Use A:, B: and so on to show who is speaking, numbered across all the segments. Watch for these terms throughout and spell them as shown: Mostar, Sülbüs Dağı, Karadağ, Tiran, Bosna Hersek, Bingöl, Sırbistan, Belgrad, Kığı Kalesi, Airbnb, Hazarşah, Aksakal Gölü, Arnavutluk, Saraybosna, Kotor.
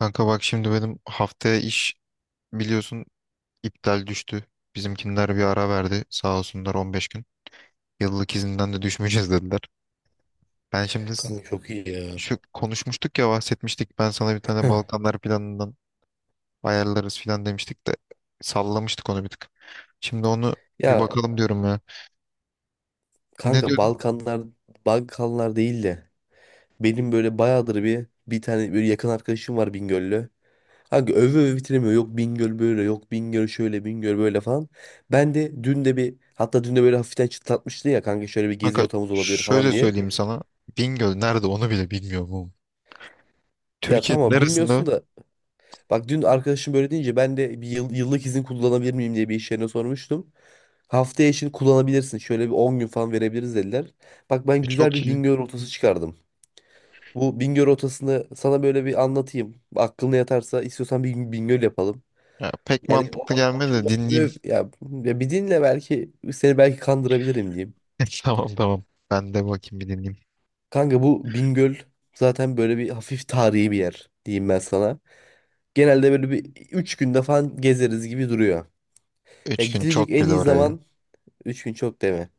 A: Kanka bak şimdi benim haftaya iş biliyorsun iptal düştü. Bizimkiler bir ara verdi sağ olsunlar, 15 gün. Yıllık izinden de düşmeyeceğiz dediler. Ben şimdi
B: Kanka çok iyi ya.
A: şu konuşmuştuk ya, bahsetmiştik. Ben sana bir tane
B: Heh.
A: Balkanlar planından ayarlarız filan demiştik de sallamıştık onu bir tık. Şimdi onu bir
B: Ya
A: bakalım diyorum ya. Ne
B: kanka
A: diyordun
B: Balkanlar Balkanlar değil de benim böyle bayağıdır bir tane böyle yakın arkadaşım var Bingöl'lü. Kanka öve öve bitiremiyor. Yok Bingöl böyle, yok Bingöl şöyle, Bingöl böyle falan. Ben de dün de böyle hafiften çıtlatmıştı ya kanka şöyle bir gezi
A: kanka?
B: rotamız olabilir falan
A: Şöyle
B: diye.
A: söyleyeyim sana. Bingöl nerede onu bile bilmiyorum oğlum.
B: Ya
A: Türkiye'nin
B: tamam bilmiyorsun
A: neresinde?
B: da. Bak dün arkadaşım böyle deyince ben de bir yıllık izin kullanabilir miyim diye bir iş yerine sormuştum. Haftaya için kullanabilirsin. Şöyle bir 10 gün falan verebiliriz dediler. Bak ben
A: E,
B: güzel
A: çok
B: bir
A: iyi.
B: Bingöl rotası çıkardım. Bu Bingöl rotasını sana böyle bir anlatayım. Aklına yatarsa istiyorsan bir gün Bingöl yapalım.
A: Ya, pek
B: Yani
A: mantıklı
B: o
A: gelmedi
B: arkadaşım
A: de
B: da öve
A: dinleyeyim.
B: öve- ya, ya bir dinle, belki seni belki kandırabilirim diyeyim.
A: Tamam tamam. Ben de bakayım bir dinleyeyim.
B: Kanka bu Bingöl zaten böyle bir hafif tarihi bir yer diyeyim ben sana. Genelde böyle bir 3 günde falan gezeriz gibi duruyor. Ya
A: Üç gün
B: gidilecek
A: çok
B: en
A: güzel
B: iyi
A: oraya.
B: zaman Üç gün çok değil mi?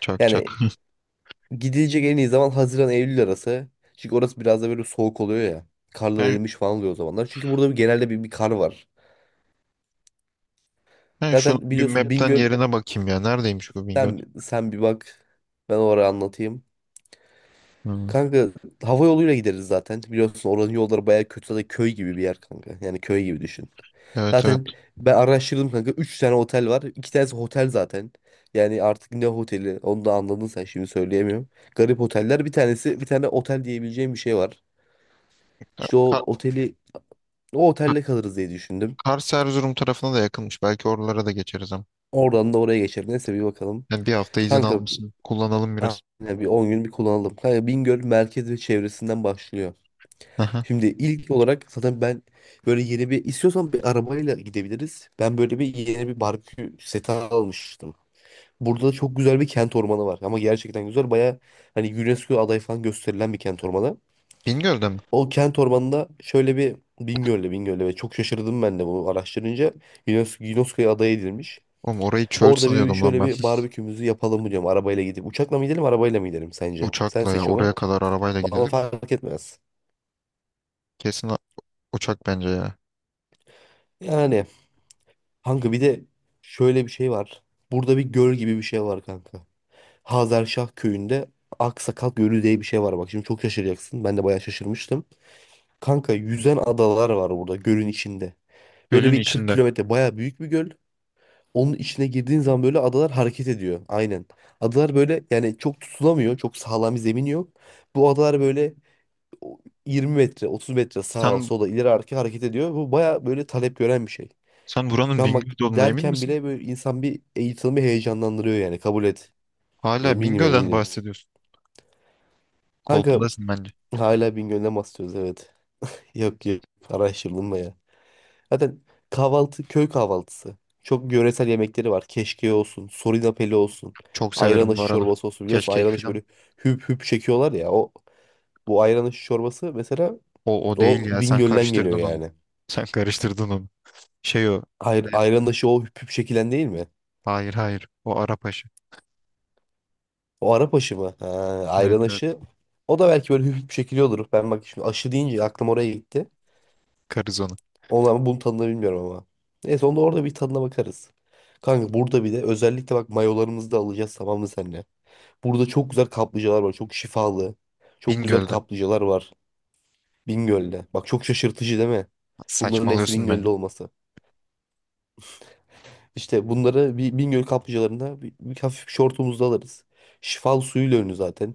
A: Çok
B: Yani
A: çok.
B: gidilecek en iyi zaman Haziran Eylül arası. Çünkü orası biraz da böyle soğuk oluyor ya. Karlar
A: Ben,
B: erimiş falan oluyor o zamanlar. Çünkü burada genelde bir kar var.
A: ben şunu
B: Zaten
A: bir
B: biliyorsun
A: map'ten
B: Bingöl
A: yerine bakayım ya. Neredeymiş bu Bingöl?
B: sen bir bak. Ben oraya anlatayım.
A: Hmm.
B: Kanka hava yoluyla gideriz zaten. Biliyorsun oranın yolları bayağı kötü. Zaten köy gibi bir yer kanka. Yani köy gibi düşün.
A: Evet evet.
B: Zaten ben araştırdım kanka. 3 tane otel var. 2 tanesi otel zaten. Yani artık ne oteli onu da anladın sen şimdi söyleyemiyorum. Garip oteller, bir tanesi bir tane otel diyebileceğim bir şey var. İşte o
A: Ka-
B: oteli, o
A: Ka-
B: otelde kalırız diye düşündüm.
A: Kars Erzurum tarafına da yakınmış. Belki oralara da geçeriz ama.
B: Oradan da oraya geçer. Neyse bir bakalım.
A: Yani bir hafta izin
B: Kanka
A: almışsın. Kullanalım biraz.
B: aynen bir 10 gün bir kullanalım. Kanka Bingöl merkez ve çevresinden başlıyor.
A: Aha.
B: Şimdi ilk olarak zaten ben böyle yeni bir istiyorsan bir arabayla gidebiliriz. Ben böyle bir yeni bir barbekü seti almıştım. Burada da çok güzel bir kent ormanı var, ama gerçekten güzel. Baya hani UNESCO adayı falan gösterilen bir kent ormanı.
A: Bingöl'de mi?
B: O kent ormanında şöyle bir Bingöl'le ve çok şaşırdım ben de bunu araştırınca UNESCO'ya aday edilmiş.
A: Oğlum orayı çöl
B: Orada bir
A: sanıyordum lan
B: şöyle
A: ben.
B: bir barbekümüzü yapalım mı diyorum arabayla gidip. Uçakla mı gidelim, arabayla mı gidelim sence? Sen
A: Uçakla ya.
B: seç onu.
A: Oraya kadar arabayla
B: Bana
A: gidilir mi?
B: fark etmez.
A: Kesin a- uçak bence ya.
B: Yani kanka bir de şöyle bir şey var. Burada bir göl gibi bir şey var kanka. Hazarşah köyünde Aksakal Gölü diye bir şey var bak. Şimdi çok şaşıracaksın. Ben de bayağı şaşırmıştım. Kanka yüzen adalar var burada gölün içinde. Böyle
A: Gölün
B: bir 40
A: içinde.
B: kilometre, bayağı büyük bir göl. Onun içine girdiğin zaman böyle adalar hareket ediyor. Aynen. Adalar böyle yani çok tutulamıyor. Çok sağlam bir zemin yok. Bu adalar böyle o 20 metre, 30 metre sağa
A: Sen
B: sola ileri arka hareket ediyor. Bu bayağı böyle talep gören bir şey.
A: sen
B: Şu
A: buranın
B: an bak
A: Bingöl'de olduğuna emin
B: derken
A: misin?
B: bile böyle insan bir eğitimi heyecanlandırıyor yani, kabul et.
A: Hala
B: Eminim
A: Bingöl'den
B: eminim.
A: bahsediyorsun.
B: Kanka
A: Kolpadasın bence.
B: hala Bingöl'den bahsediyoruz evet. Yok yok, araştırdım da ya. Zaten kahvaltı köy kahvaltısı. Çok yöresel yemekleri var. Keşke olsun, sorinapeli olsun,
A: Çok
B: ayran
A: severim bu
B: aşı
A: arada.
B: çorbası olsun. Biliyorsun
A: Keşkek
B: ayran aşı
A: film.
B: böyle hüp hüp çekiyorlar ya. Bu ayran aşı çorbası mesela
A: O o değil
B: o
A: ya, sen
B: Bingöl'den geliyor
A: karıştırdın onu.
B: yani.
A: Sen karıştırdın onu. Şey o. Ne?
B: Ayran aşı o hüp hüp çekilen değil mi?
A: Hayır hayır. O Arapaşı.
B: O Arap aşı mı? Ha,
A: Evet
B: Ayran
A: evet.
B: aşı. O da belki böyle hafif bir şekilde olur. Ben bak, şimdi aşı deyince aklım oraya gitti.
A: Karız onu.
B: Onu ama bunun tadını bilmiyorum ama. Neyse onda orada bir tadına bakarız. Kanka burada bir de özellikle bak, mayolarımızı da alacağız tamam mı seninle? Burada çok güzel kaplıcalar var. Çok şifalı. Çok güzel
A: Bingöl'dü.
B: kaplıcalar var. Bingöl'de. Bak çok şaşırtıcı değil mi? Bunların hepsi
A: Saçmalıyorsun beni.
B: Bingöl'de olması. İşte bunları bir Bingöl kaplıcalarında bir hafif şortumuzda alırız. Şifalı suyuyla ünlü zaten.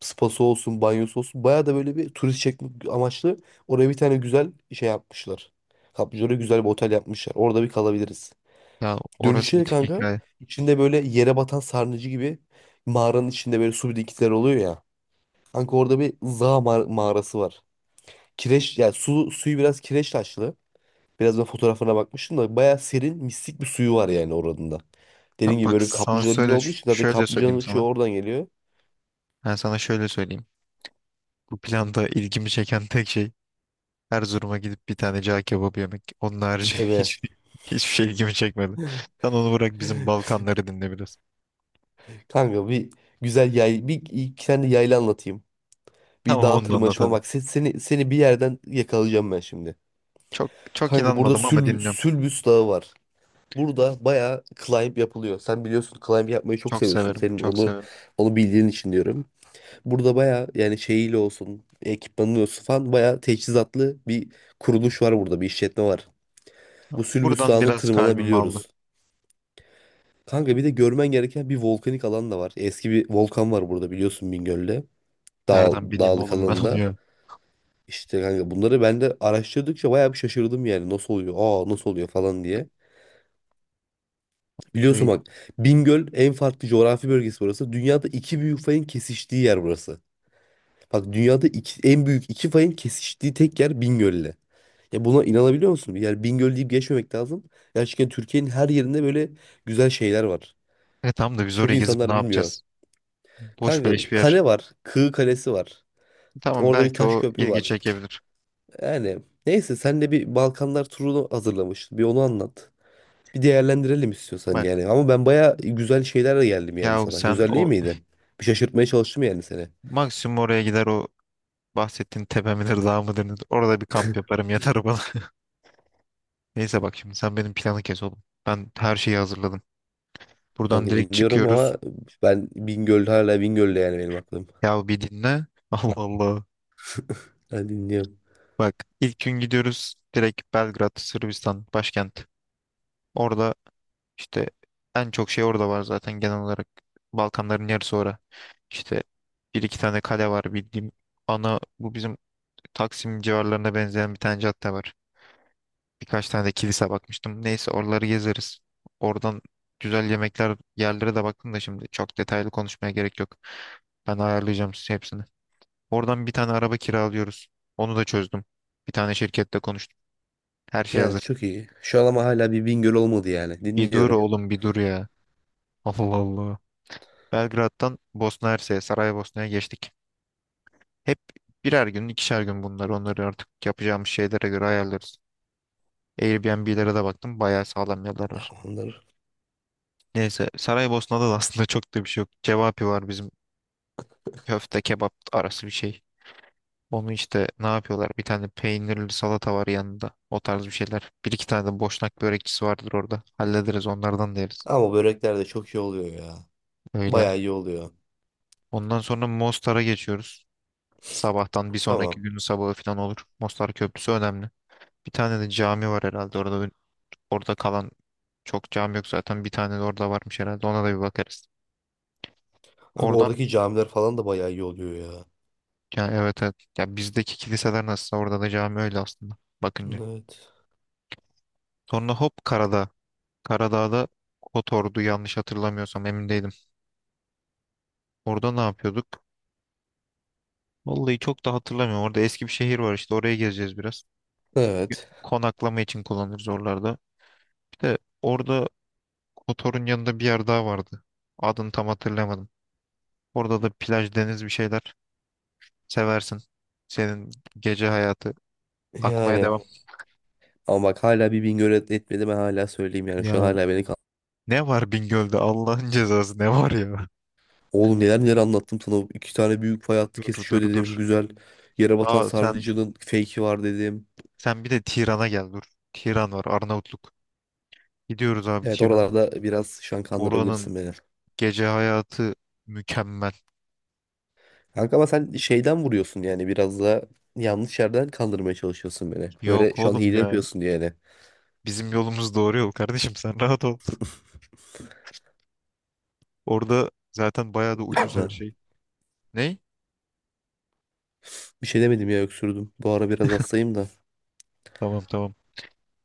B: Spası olsun, banyosu olsun. Baya da böyle bir turist çekmek amaçlı oraya bir tane güzel şey yapmışlar. Kaplıcalara güzel bir otel yapmışlar. Orada bir kalabiliriz.
A: Ya orası
B: Dönüşte
A: bir
B: de
A: tek
B: kanka
A: hikaye.
B: içinde böyle yere batan sarnıcı gibi, mağaranın içinde böyle su birikintileri oluyor ya. Kanka orada bir Za mağarası var. Kireç, yani suyu biraz kireç taşlı. Biraz ben fotoğraflarına bakmıştım da bayağı serin mistik bir suyu var yani oranın da.
A: Ya
B: Dediğim gibi
A: bak
B: böyle bir
A: sana
B: kaplıca önünde
A: söyle,
B: olduğu için zaten
A: şöyle söyleyeyim
B: kaplıcanın şu
A: sana.
B: oradan geliyor.
A: Ben sana şöyle söyleyeyim. Bu planda ilgimi çeken tek şey Erzurum'a gidip bir tane cağ kebabı yemek. Onun harici
B: Deme.
A: hiç, hiçbir şey ilgimi çekmedi. Sen onu bırak, bizim Balkanları dinle biraz.
B: Kanka bir iki tane yayla anlatayım. Bir
A: Tamam
B: dağ
A: onu da
B: tırmanışı
A: anlat
B: falan
A: hadi.
B: bak, seni bir yerden yakalayacağım ben şimdi.
A: Çok çok
B: Kanka burada
A: inanmadım ama dinliyorum.
B: Sülbüs Dağı var. Burada bayağı climb yapılıyor. Sen biliyorsun climb yapmayı çok
A: Çok
B: seviyorsun.
A: severim,
B: Senin
A: çok
B: onu
A: severim.
B: onu bildiğin için diyorum. Burada baya yani şeyiyle olsun, ekipmanı olsun falan baya teçhizatlı bir kuruluş var burada, bir işletme var. Bu Sülbüs
A: Buradan
B: Dağı'na
A: biraz kalbimi aldı.
B: tırmanabiliyoruz. Kanka bir de görmen gereken bir volkanik alan da var. Eski bir volkan var burada biliyorsun Bingöl'de.
A: Nereden bileyim
B: Dağlık
A: oğlum ben onu
B: alanında.
A: ya.
B: İşte kanka bunları ben de araştırdıkça bayağı bir şaşırdım yani. Nasıl oluyor? Aa nasıl oluyor falan diye.
A: Ay,
B: Biliyorsun bak, Bingöl en farklı coğrafi bölgesi burası. Dünyada iki büyük fayın kesiştiği yer burası. Bak dünyada en büyük iki fayın kesiştiği tek yer Bingöl'le. Ya buna inanabiliyor musun? Yani Bingöl deyip geçmemek lazım. Gerçekten Türkiye'nin her yerinde böyle güzel şeyler var.
A: e, tamam da biz
B: Çok
A: oraya gezip
B: insanlar
A: ne
B: bilmiyor.
A: yapacağız? Boş
B: Kanka
A: beleş bir yer.
B: kale var. Kığı Kalesi var.
A: Tamam
B: Orada bir
A: belki
B: taş
A: o
B: köprü
A: ilgi
B: var.
A: çekebilir.
B: Yani neyse sen de bir Balkanlar turunu hazırlamıştın. Bir onu anlat. Bir değerlendirelim istiyorsan
A: Bak
B: yani. Ama ben baya güzel şeylerle geldim yani
A: ya
B: sana.
A: sen
B: Güzel değil
A: o
B: miydi? Bir şaşırtmaya çalıştım yani seni.
A: maksimum oraya gider, o bahsettiğin tepe midir dağ mıdır nedir? Orada bir kamp yaparım yatarım bana. Neyse bak şimdi sen benim planı kes oğlum. Ben her şeyi hazırladım. Buradan
B: Kanka
A: direkt
B: dinliyorum
A: çıkıyoruz.
B: ama ben Bingöl, hala Bingöl'de yani benim aklım.
A: Ya bir dinle. Allah Allah.
B: Ben dinliyorum.
A: Bak ilk gün gidiyoruz direkt Belgrad, Sırbistan başkent. Orada işte en çok şey orada var zaten genel olarak. Balkanların yarısı orada. İşte bir iki tane kale var bildiğim. Ana bu bizim Taksim civarlarına benzeyen bir tane cadde var. Birkaç tane de kilise bakmıştım. Neyse oraları gezeriz. Oradan güzel yemekler yerlere de baktım da şimdi çok detaylı konuşmaya gerek yok. Ben ayarlayacağım size hepsini. Oradan bir tane araba kiralıyoruz. Onu da çözdüm. Bir tane şirkette konuştum. Her şey
B: Ya
A: hazır.
B: çok iyi. Şu an ama hala bir Bingöl olmadı yani.
A: Bir dur
B: Dinliyorum.
A: oğlum bir dur ya. Allah Allah. Belgrad'dan Bosna Hersek'e, Saraybosna'ya geçtik. Hep birer gün, ikişer gün bunlar. Onları artık yapacağımız şeylere göre ayarlarız. Airbnb'lere de baktım. Bayağı sağlam yerler var.
B: Tamamdır.
A: Neyse, Saraybosna'da da aslında çok da bir şey yok. Cevapi var bizim, köfte kebap arası bir şey. Onu işte ne yapıyorlar? Bir tane peynirli salata var yanında. O tarz bir şeyler. Bir iki tane de boşnak börekçisi vardır orada. Hallederiz onlardan da yeriz.
B: Ama börekler de çok iyi oluyor ya.
A: Öyle.
B: Bayağı iyi oluyor.
A: Ondan sonra Mostar'a geçiyoruz. Sabahtan bir sonraki
B: Tamam.
A: günün sabahı falan olur. Mostar Köprüsü önemli. Bir tane de cami var herhalde orada. Orada kalan çok cami yok zaten. Bir tane de orada varmış herhalde. Ona da bir bakarız.
B: Bak
A: Oradan
B: oradaki camiler falan da bayağı iyi oluyor ya.
A: yani evet evet. Ya bizdeki kiliseler nasıl, orada da cami öyle aslında bakınca.
B: Evet.
A: Sonra hop Karadağ. Karadağ'da Kotor'du yanlış hatırlamıyorsam, emin değilim. Orada ne yapıyorduk? Vallahi çok da hatırlamıyorum. Orada eski bir şehir var işte, oraya gezeceğiz biraz.
B: Evet.
A: Konaklama için kullanırız oralarda. Bir de orada Kotor'un yanında bir yer daha vardı. Adını tam hatırlamadım. Orada da plaj, deniz, bir şeyler. Seversin. Senin gece hayatı akmaya
B: Yani.
A: devam.
B: Ama bak hala bir Bingöl etmedi ben hala söyleyeyim yani. Şu an
A: Ya
B: hala beni
A: ne var Bingöl'de Allah'ın cezası, ne var ya?
B: oğlum neler neler anlattım sana. İki tane büyük fay hattı
A: Dur
B: kesişiyor
A: dur
B: dedim.
A: dur.
B: Güzel. Yerebatan
A: Aa sen
B: Sarnıcı'nın fake'i var dedim.
A: sen bir de Tiran'a gel dur. Tiran var, Arnavutluk. Gidiyoruz abi
B: Evet
A: Tiran'a.
B: oralarda biraz şu an
A: Oranın
B: kandırabilirsin beni.
A: gece hayatı mükemmel.
B: Kanka ama sen şeyden vuruyorsun yani biraz da yanlış yerden kandırmaya çalışıyorsun beni. Böyle
A: Yok
B: şu an
A: oğlum
B: hile
A: ya.
B: yapıyorsun diye yani.
A: Bizim yolumuz doğru yol kardeşim, sen rahat ol. Orada zaten bayağı da
B: Ha,
A: ucuz her şey. Ney?
B: bir şey demedim ya, öksürdüm. Bu ara biraz hastayım da.
A: Tamam tamam.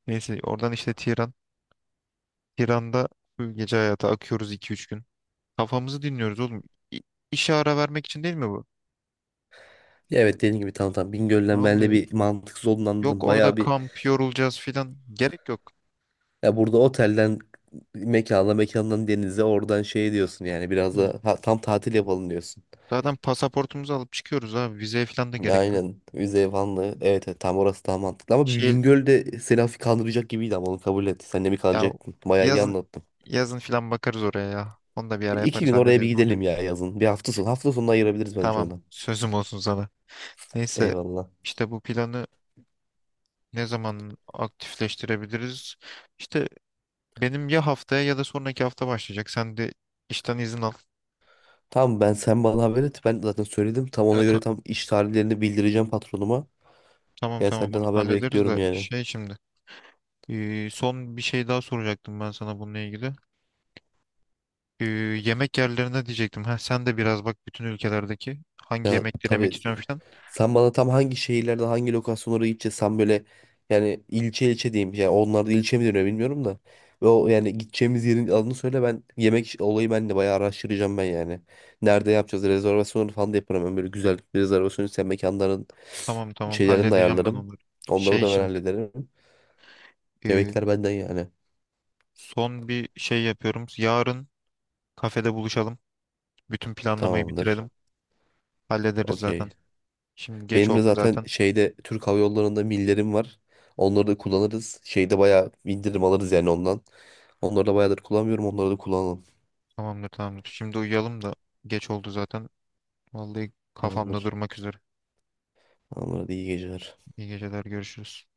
A: Neyse oradan işte Tiran. Tiran'da full gece hayatı akıyoruz iki üç gün. Kafamızı dinliyoruz oğlum. İ- İşe ara vermek için değil mi bu?
B: Ya evet dediğin gibi, tamam tamam Bingöl'den ben de
A: Vallahi
B: bir mantıksız olduğunu
A: yok,
B: anladım.
A: orada
B: Bayağı bir,
A: kamp yorulacağız filan. Gerek yok.
B: ya burada otelden mekana, mekandan denize, oradan şey diyorsun yani biraz
A: Hı.
B: da tam tatil yapalım diyorsun.
A: Zaten pasaportumuzu alıp çıkıyoruz abi. Vizeye filan da
B: Ya
A: gerek yok.
B: aynen Üzey Vanlı evet, evet tam orası daha mantıklı ama bir
A: Şey
B: Bingöl'de seni hafif kandıracak gibiydi, ama onu kabul et. Sen de mi
A: ya,
B: kandıracaktın? Bayağı iyi
A: yazın
B: anlattın.
A: yazın filan bakarız oraya ya. Onu da bir
B: Bir
A: ara
B: iki
A: yaparız
B: gün oraya bir
A: hallederiz, ne olacak.
B: gidelim ya yazın. Bir hafta sonu. Hafta sonunu ayırabiliriz bence
A: Tamam
B: ona.
A: sözüm olsun sana. Neyse
B: Eyvallah.
A: işte bu planı ne zaman aktifleştirebiliriz? İşte benim ya haftaya ya da sonraki hafta başlayacak. Sen de işten izin al.
B: Tamam ben, sen bana haber et. Ben zaten söyledim. Tam ona
A: Evet,
B: göre tam iş tarihlerini bildireceğim patronuma.
A: tamam
B: Ben
A: tamam
B: senden
A: onu
B: haber
A: hallederiz
B: bekliyorum
A: de
B: yani.
A: şey şimdi, ee, son bir şey daha soracaktım ben sana bununla ilgili. Ee, yemek yerlerine diyecektim. Heh, sen de biraz bak bütün ülkelerdeki hangi
B: Ya
A: yemekleri yemek
B: tabii.
A: istiyorsun falan.
B: Sen bana tam hangi şehirlerde hangi lokasyonlara gideceğiz? Sen böyle yani ilçe ilçe diyeyim. Yani onlar da ilçe mi deniyor bilmiyorum da. Ve o yani gideceğimiz yerin adını söyle, ben yemek olayı ben de bayağı araştıracağım ben yani. Nerede yapacağız? Rezervasyonları falan da yaparım. Ben böyle güzel bir rezervasyon isteyen mekanların
A: Tamam tamam
B: şeylerini de
A: halledeceğim ben
B: ayarlarım.
A: onları.
B: Onları
A: Şey
B: da ben
A: şimdi,
B: hallederim.
A: e,
B: Yemekler benden yani.
A: son bir şey yapıyorum. Yarın kafede buluşalım. Bütün planlamayı
B: Tamamdır.
A: bitirelim. Hallederiz zaten.
B: Okey.
A: Şimdi geç
B: Benim de
A: oldu
B: zaten
A: zaten.
B: şeyde Türk Hava Yolları'nda millerim var. Onları da kullanırız. Şeyde bayağı indirim alırız yani ondan. Onları da bayağıdır kullanmıyorum. Onları da kullanalım.
A: Tamamdır tamamdır. Şimdi uyuyalım da geç oldu zaten. Vallahi kafamda
B: Tamamdır.
A: durmak üzere.
B: Tamamdır. Hadi iyi geceler.
A: İyi geceler görüşürüz.